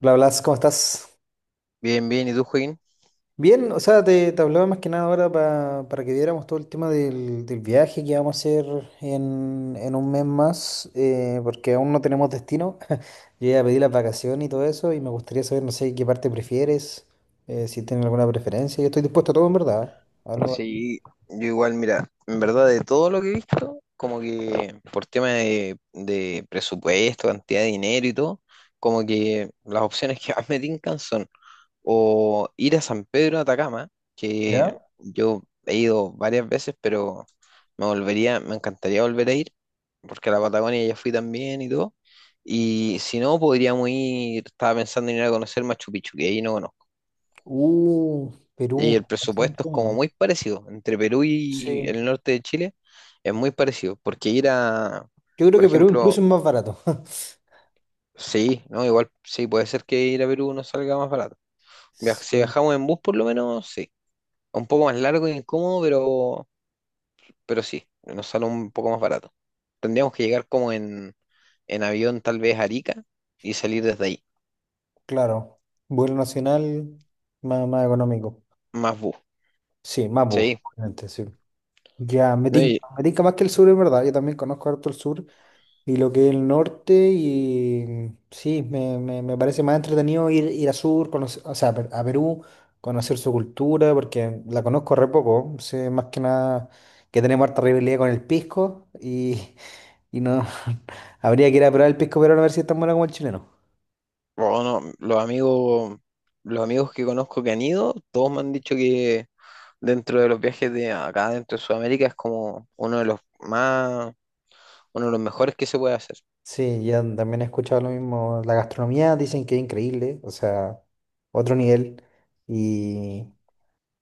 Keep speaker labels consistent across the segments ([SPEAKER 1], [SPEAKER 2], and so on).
[SPEAKER 1] Hola, Blas, ¿cómo estás?
[SPEAKER 2] Bien, bien, ¿y tú, Joaquín?
[SPEAKER 1] Bien, o sea, te hablaba más que nada ahora para que viéramos todo el tema del viaje que vamos a hacer en un mes más, porque aún no tenemos destino. Yo ya pedí las vacaciones y todo eso, y me gustaría saber, no sé, qué parte prefieres, si tienes alguna preferencia. Yo estoy dispuesto a todo, en verdad. A lo-
[SPEAKER 2] Sí, yo igual, mira, en verdad de todo lo que he visto, como que por tema de presupuesto, cantidad de dinero y todo, como que las opciones que más me tincan son o ir a San Pedro de Atacama, que
[SPEAKER 1] ¿Ya?
[SPEAKER 2] yo he ido varias veces, pero me volvería, me encantaría volver a ir, porque a la Patagonia ya fui también y todo. Y si no, podríamos ir, estaba pensando en ir a conocer Machu Picchu, que ahí no. Y
[SPEAKER 1] Perú.
[SPEAKER 2] el
[SPEAKER 1] ¿Cuánto se me
[SPEAKER 2] presupuesto es como
[SPEAKER 1] entendió?
[SPEAKER 2] muy parecido. Entre Perú y
[SPEAKER 1] Sí.
[SPEAKER 2] el norte de Chile es muy parecido. Porque ir a,
[SPEAKER 1] Yo creo
[SPEAKER 2] por
[SPEAKER 1] que Perú
[SPEAKER 2] ejemplo,
[SPEAKER 1] incluso es más barato.
[SPEAKER 2] sí, ¿no? Igual sí, puede ser que ir a Perú nos salga más barato. Si
[SPEAKER 1] Sí,
[SPEAKER 2] viajamos en bus por lo menos, sí. Un poco más largo y incómodo, pero, sí, nos sale un poco más barato. Tendríamos que llegar como en avión tal vez a Arica y salir desde ahí.
[SPEAKER 1] claro. Vuelo nacional, más económico.
[SPEAKER 2] Más bus.
[SPEAKER 1] Sí, Mapu,
[SPEAKER 2] Sí.
[SPEAKER 1] obviamente, sí. Ya, me
[SPEAKER 2] No,
[SPEAKER 1] tinca,
[SPEAKER 2] y,
[SPEAKER 1] me tinca más que el sur, en verdad. Yo también conozco harto el sur y lo que es el norte y sí, me parece más entretenido ir a sur, conocer, o sea, a Perú, conocer su cultura, porque la conozco re poco. Sé más que nada que tenemos harta rivalidad con el pisco y no, habría que ir a probar el pisco peruano a ver si es tan bueno como el chileno.
[SPEAKER 2] bueno, los amigos que conozco que han ido, todos me han dicho que dentro de los viajes de acá dentro de Sudamérica es como uno de los más, uno de los mejores que se puede hacer.
[SPEAKER 1] Sí, yo también he escuchado lo mismo. La gastronomía dicen que es increíble, o sea, otro nivel. Y,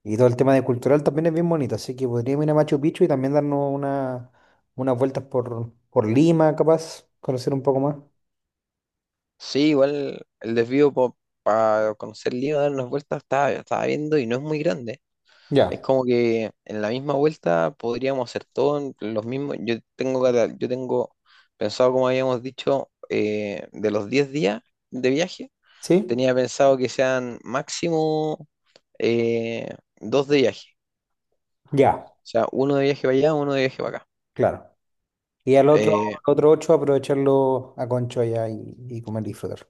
[SPEAKER 1] Y todo el tema de cultural también es bien bonito, así que podríamos ir a Machu Picchu y también darnos unas vueltas por Lima, capaz, conocer un poco más.
[SPEAKER 2] Sí, igual el desvío para conocer Lima, dar unas vueltas, estaba viendo y no es muy grande. Es
[SPEAKER 1] Ya,
[SPEAKER 2] como que en la misma vuelta podríamos hacer todo en los mismos. Yo tengo pensado, como habíamos dicho, de los 10 días de viaje,
[SPEAKER 1] ¿sí?
[SPEAKER 2] tenía pensado que sean máximo eh, dos de viaje.
[SPEAKER 1] Ya,
[SPEAKER 2] O sea, uno de viaje para allá, uno de viaje para acá.
[SPEAKER 1] claro. Y al otro,
[SPEAKER 2] Eh,
[SPEAKER 1] otro ocho aprovecharlo a Conchoya y comer y disfrutar.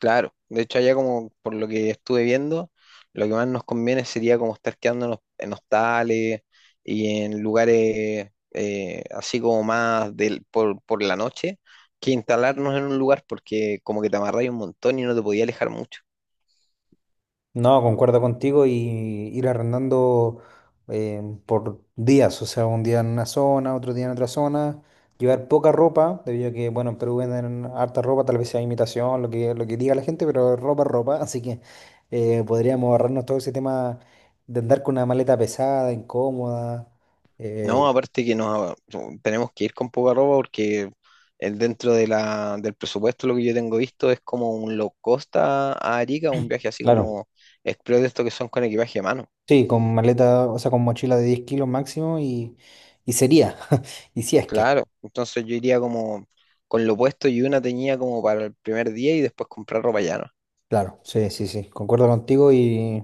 [SPEAKER 2] Claro, de hecho allá como por lo que estuve viendo, lo que más nos conviene sería como estar quedándonos en hostales y en lugares, así como más del, por, la noche, que instalarnos en un lugar, porque como que te amarráis un montón y no te podías alejar mucho.
[SPEAKER 1] No, concuerdo contigo y ir arrendando, por días, o sea, un día en una zona, otro día en otra zona, llevar poca ropa, debido a que, bueno, en Perú venden harta ropa, tal vez sea imitación, lo que diga la gente, pero ropa es ropa. Así que podríamos ahorrarnos todo ese tema de andar con una maleta pesada, incómoda,
[SPEAKER 2] No,
[SPEAKER 1] eh,
[SPEAKER 2] aparte que nos, tenemos que ir con poca ropa porque dentro de del presupuesto lo que yo tengo visto es como un low cost a Arica, un viaje así
[SPEAKER 1] claro,
[SPEAKER 2] como express de estos que son con equipaje a mano.
[SPEAKER 1] sí, con maleta, o sea, con mochila de 10 kilos máximo y sería, y si es que.
[SPEAKER 2] Claro, entonces yo iría como con lo puesto y una tenía como para el primer día y después comprar ropa llana.
[SPEAKER 1] Claro, sí, sí, sí, concuerdo contigo y,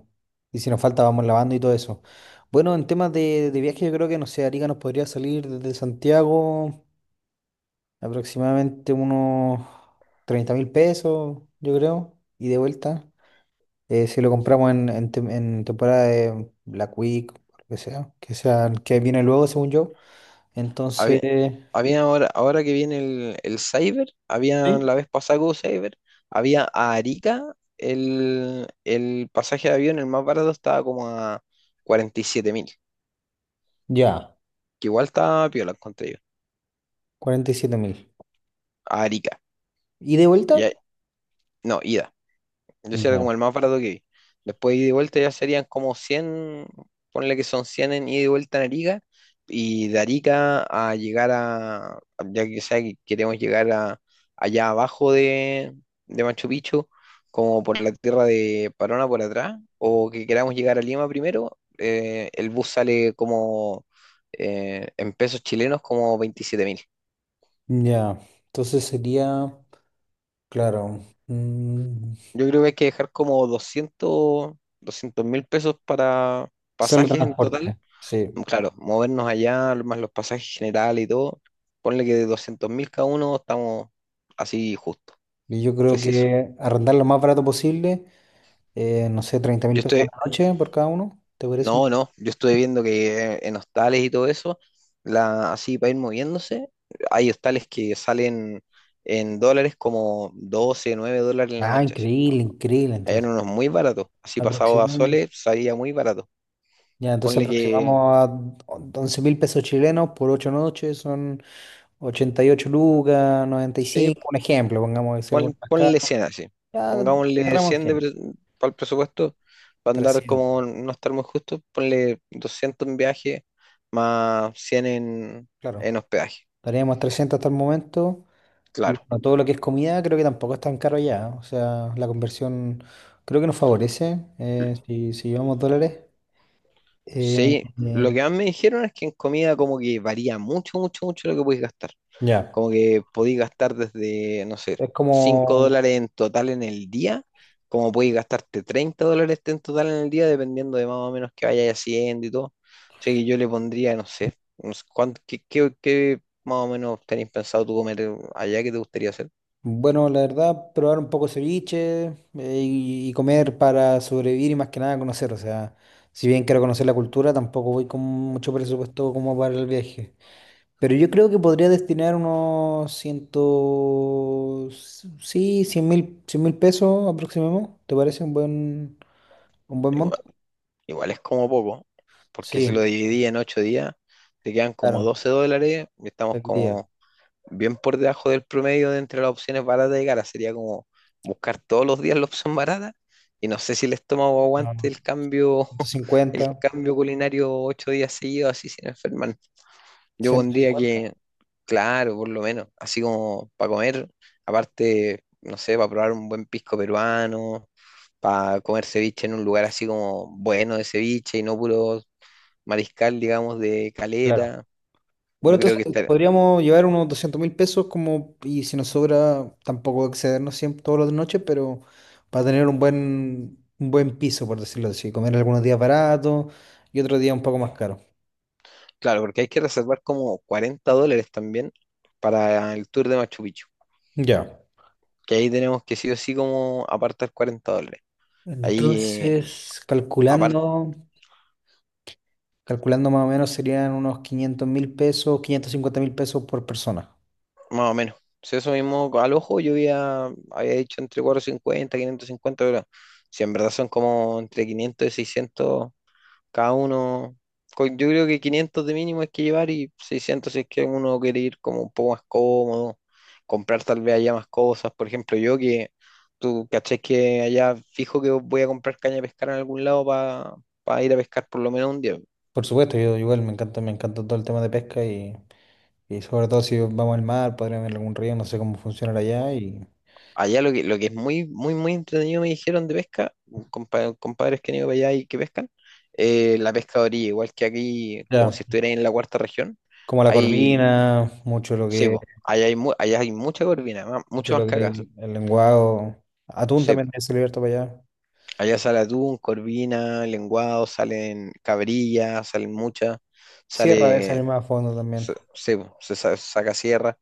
[SPEAKER 1] y si nos falta vamos lavando y todo eso. Bueno, en temas de viaje yo creo que, no sé, Arica nos podría salir desde Santiago aproximadamente unos 30.000 pesos, yo creo, y de vuelta. Si lo compramos en temporada de Black Week, o lo que sea, que viene luego según yo. Entonces,
[SPEAKER 2] Había, ahora que viene el Cyber, había
[SPEAKER 1] sí.
[SPEAKER 2] la vez pasada que hubo Cyber, había a Arica, el pasaje de avión, el más barato estaba como a 47.000,
[SPEAKER 1] Ya,
[SPEAKER 2] que igual estaba piola, encontré yo.
[SPEAKER 1] 47.000.
[SPEAKER 2] A Arica,
[SPEAKER 1] ¿Y de vuelta?
[SPEAKER 2] ya, no, yo sí era
[SPEAKER 1] Ya.
[SPEAKER 2] como el más barato que vi. Después ida y vuelta ya serían como cien, ponle que son 100 en ida y vuelta en Arica. Y de Arica a llegar a, ya que sea que queremos llegar a, allá abajo de, Machu Picchu, como por la tierra de Parona por atrás, o que queramos llegar a Lima primero, el bus sale como en pesos chilenos como 27.000.
[SPEAKER 1] Ya, entonces sería. Claro. Mm,
[SPEAKER 2] Yo creo que hay que dejar como doscientos mil pesos para
[SPEAKER 1] solo
[SPEAKER 2] pasajes en total.
[SPEAKER 1] transporte, sí.
[SPEAKER 2] Claro, movernos allá, más los pasajes generales y todo, ponle que de 200.000 cada uno estamos así justo,
[SPEAKER 1] Y yo creo
[SPEAKER 2] preciso.
[SPEAKER 1] que arrendar lo más barato posible, no sé, 30.000
[SPEAKER 2] Yo
[SPEAKER 1] pesos a
[SPEAKER 2] estoy,
[SPEAKER 1] la noche por cada uno. ¿Te parece un?
[SPEAKER 2] no, no, yo estoy viendo que en hostales y todo eso, así para ir moviéndose, hay hostales que salen en dólares como 12 9 dólares en la
[SPEAKER 1] Ah,
[SPEAKER 2] noche.
[SPEAKER 1] increíble, increíble.
[SPEAKER 2] Allá
[SPEAKER 1] Entonces,
[SPEAKER 2] eran unos muy baratos, así pasado a
[SPEAKER 1] aproximamos,
[SPEAKER 2] soles salía muy barato.
[SPEAKER 1] ya, entonces
[SPEAKER 2] Ponle que,
[SPEAKER 1] aproximamos a 11.000 pesos chilenos por 8 noches, son 88 lucas, noventa y
[SPEAKER 2] sí,
[SPEAKER 1] cinco, un ejemplo, pongamos que sea algo más
[SPEAKER 2] ponle
[SPEAKER 1] caro.
[SPEAKER 2] 100 así.
[SPEAKER 1] Ya
[SPEAKER 2] Pongámosle. Ujú.
[SPEAKER 1] cerramos en
[SPEAKER 2] 100
[SPEAKER 1] 100,
[SPEAKER 2] para el presupuesto, para andar como
[SPEAKER 1] 300,
[SPEAKER 2] no estar muy justo, ponle 200 en viaje más 100 en,
[SPEAKER 1] claro.
[SPEAKER 2] en hospedaje.
[SPEAKER 1] Estaríamos a 300 hasta el momento. Y
[SPEAKER 2] Claro.
[SPEAKER 1] bueno, todo lo que es comida creo que tampoco es tan caro allá. O sea, la conversión creo que nos favorece, si llevamos dólares. Eh,
[SPEAKER 2] Sí, lo
[SPEAKER 1] eh,
[SPEAKER 2] que más me dijeron es que en comida como que varía mucho, mucho, mucho lo que puedes gastar.
[SPEAKER 1] ya.
[SPEAKER 2] Como que podéis gastar desde, no sé,
[SPEAKER 1] Es
[SPEAKER 2] 5
[SPEAKER 1] como,
[SPEAKER 2] dólares en total en el día, como podéis gastarte 30 dólares en total en el día, dependiendo de más o menos que vayáis haciendo y todo. Así que yo le pondría, no sé, no sé qué más o menos tenéis pensado tú comer allá, ¿que te gustaría hacer?
[SPEAKER 1] bueno, la verdad, probar un poco ceviche, y comer para sobrevivir y más que nada conocer. O sea, si bien quiero conocer la cultura, tampoco voy con mucho presupuesto como para el viaje. Pero yo creo que podría destinar unos ciento. Sí, cien mil pesos aproximamos. ¿Te parece un buen? Un buen
[SPEAKER 2] Igual,
[SPEAKER 1] monto.
[SPEAKER 2] igual es como poco, porque si lo
[SPEAKER 1] Sí,
[SPEAKER 2] dividí en 8 días, te quedan como
[SPEAKER 1] claro,
[SPEAKER 2] 12 dólares y estamos
[SPEAKER 1] el día.
[SPEAKER 2] como bien por debajo del promedio de entre las opciones baratas y caras. Sería como buscar todos los días la opción barata y no sé si el estómago
[SPEAKER 1] No,
[SPEAKER 2] aguante el cambio,
[SPEAKER 1] ciento
[SPEAKER 2] el
[SPEAKER 1] cincuenta
[SPEAKER 2] cambio culinario 8 días seguidos así sin enfermar. Yo
[SPEAKER 1] ciento
[SPEAKER 2] pondría
[SPEAKER 1] cincuenta,
[SPEAKER 2] que, claro, por lo menos, así como para comer, aparte, no sé, para probar un buen pisco peruano, para comer ceviche en un lugar así como bueno de ceviche y no puro mariscal, digamos, de
[SPEAKER 1] claro.
[SPEAKER 2] caleta.
[SPEAKER 1] Bueno,
[SPEAKER 2] Yo creo
[SPEAKER 1] entonces
[SPEAKER 2] que estar-.
[SPEAKER 1] podríamos llevar unos 200.000 pesos como, y si nos sobra, tampoco excedernos siempre todas las noches, pero para tener un buen piso, por decirlo así. Comer algunos días baratos y otros días un poco más caros.
[SPEAKER 2] Claro, porque hay que reservar como 40 dólares también para el tour de Machu Picchu,
[SPEAKER 1] Ya.
[SPEAKER 2] que ahí tenemos que sí o sí como apartar 40 dólares. Ahí,
[SPEAKER 1] Entonces,
[SPEAKER 2] aparte,
[SPEAKER 1] calculando más o menos serían unos 500.000 pesos, 550.000 pesos por persona.
[SPEAKER 2] más o menos. Si eso mismo al ojo, yo había, dicho entre 450, 550, pero si en verdad son como entre 500 y 600. Cada uno, yo creo que 500 de mínimo hay que llevar y 600 si es que uno quiere ir como un poco más cómodo, comprar tal vez allá más cosas. Por ejemplo, yo que tú caché que allá fijo que voy a comprar caña de pescar en algún lado para ir a pescar por lo menos un día.
[SPEAKER 1] Por supuesto, yo igual me encanta todo el tema de pesca y sobre todo si vamos al mar, podríamos ir a algún río, no sé cómo funciona allá y
[SPEAKER 2] Allá lo que es muy, muy, muy entretenido me dijeron de pesca, compadres que han ido para allá y que pescan, la pesca de orilla, igual que aquí, como si
[SPEAKER 1] ya,
[SPEAKER 2] estuviera en la cuarta región,
[SPEAKER 1] como la
[SPEAKER 2] hay...
[SPEAKER 1] corvina,
[SPEAKER 2] Sí, po, allá hay, allá hay mucha corvina,
[SPEAKER 1] mucho
[SPEAKER 2] mucho más
[SPEAKER 1] lo
[SPEAKER 2] que
[SPEAKER 1] que es
[SPEAKER 2] acá.
[SPEAKER 1] el lenguado, atún
[SPEAKER 2] Sí,
[SPEAKER 1] también es abierto para allá,
[SPEAKER 2] allá sale atún, corvina, lenguado, salen cabrillas, salen muchas,
[SPEAKER 1] sierra de
[SPEAKER 2] sale,
[SPEAKER 1] salir más a fondo también,
[SPEAKER 2] sí, po, se saca sierra.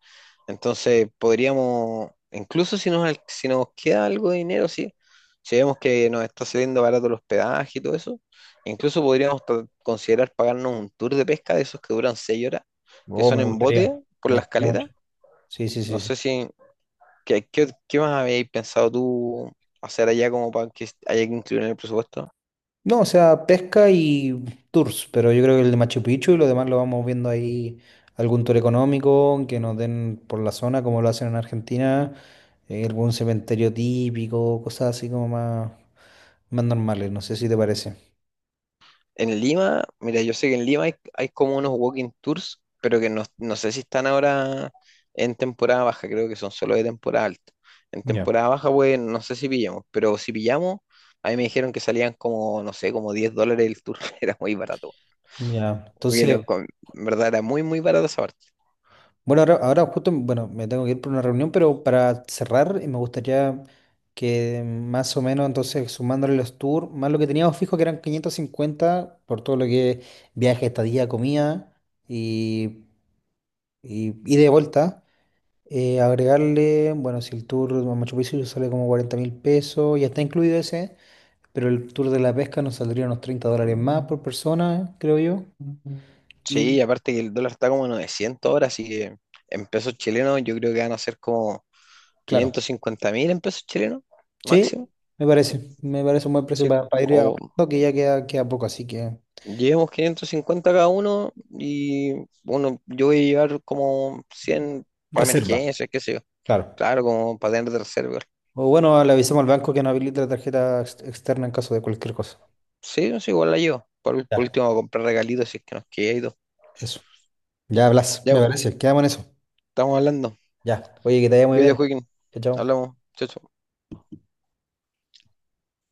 [SPEAKER 2] Entonces podríamos, incluso si nos, si nos queda algo de dinero, sí, si vemos que nos está saliendo barato el hospedaje y todo eso, incluso podríamos considerar pagarnos un tour de pesca de esos que duran 6 horas, que
[SPEAKER 1] oh,
[SPEAKER 2] son en bote por
[SPEAKER 1] me
[SPEAKER 2] la
[SPEAKER 1] gustaría mucho,
[SPEAKER 2] escaleta.
[SPEAKER 1] sí, sí,
[SPEAKER 2] No
[SPEAKER 1] sí, sí.
[SPEAKER 2] sé si, ¿qué más habéis pensado tú hacer allá como para que haya que incluir en el presupuesto?
[SPEAKER 1] No, o sea, pesca y tours, pero yo creo que el de Machu Picchu y lo demás lo vamos viendo ahí, algún tour económico que nos den por la zona, como lo hacen en Argentina, algún cementerio típico, cosas así como más, normales, no sé si te parece.
[SPEAKER 2] En Lima, mira, yo sé que en Lima hay, como unos walking tours, pero que no, no sé si están ahora en temporada baja, creo que son solo de temporada alta. En
[SPEAKER 1] Ya.
[SPEAKER 2] temporada baja, pues no sé si pillamos, pero si pillamos, a mí me dijeron que salían como, no sé, como 10 dólares el tour, era muy barato.
[SPEAKER 1] Ya,
[SPEAKER 2] Como que
[SPEAKER 1] entonces.
[SPEAKER 2] en verdad era muy, muy barato esa parte.
[SPEAKER 1] Bueno, ahora justo, bueno, me tengo que ir por una reunión, pero para cerrar, me gustaría que más o menos, entonces, sumándole los tours, más lo que teníamos fijo, que eran 550 por todo lo que es viaje, estadía, comida y, y, ida y de vuelta, agregarle, bueno, si el tour a Machu Picchu sale como 40.000 pesos, ya está incluido ese, pero el tour de la pesca nos saldría unos $30 más por persona, creo yo. Ujú.
[SPEAKER 2] Sí,
[SPEAKER 1] Y
[SPEAKER 2] aparte que el dólar está como 900 ahora, así que en pesos chilenos yo creo que van a ser como
[SPEAKER 1] claro.
[SPEAKER 2] 550.000 en pesos chilenos,
[SPEAKER 1] Sí,
[SPEAKER 2] máximo.
[SPEAKER 1] me parece. Me parece un buen precio
[SPEAKER 2] Sí,
[SPEAKER 1] para ir
[SPEAKER 2] o
[SPEAKER 1] ahorrando, que ya queda poco, así que
[SPEAKER 2] llevamos 550 cada uno y, bueno, yo voy a llevar como 100 para
[SPEAKER 1] reserva,
[SPEAKER 2] emergencias, qué sé yo.
[SPEAKER 1] claro.
[SPEAKER 2] Claro, como para tener de reserva.
[SPEAKER 1] O bueno, le avisamos al banco que no habilite la tarjeta externa en caso de cualquier cosa.
[SPEAKER 2] Sí, sí, igual la llevo. Por
[SPEAKER 1] Ya,
[SPEAKER 2] último, comprar regalitos si es que nos queda y todo.
[SPEAKER 1] eso. Ya hablas,
[SPEAKER 2] Ya,
[SPEAKER 1] me
[SPEAKER 2] pues,
[SPEAKER 1] parece. Quedamos en eso.
[SPEAKER 2] estamos hablando.
[SPEAKER 1] Ya. Oye, que te vaya muy
[SPEAKER 2] Cuídate,
[SPEAKER 1] bien.
[SPEAKER 2] Joaquín.
[SPEAKER 1] Chao, chao.
[SPEAKER 2] Hablamos. Chao, chao.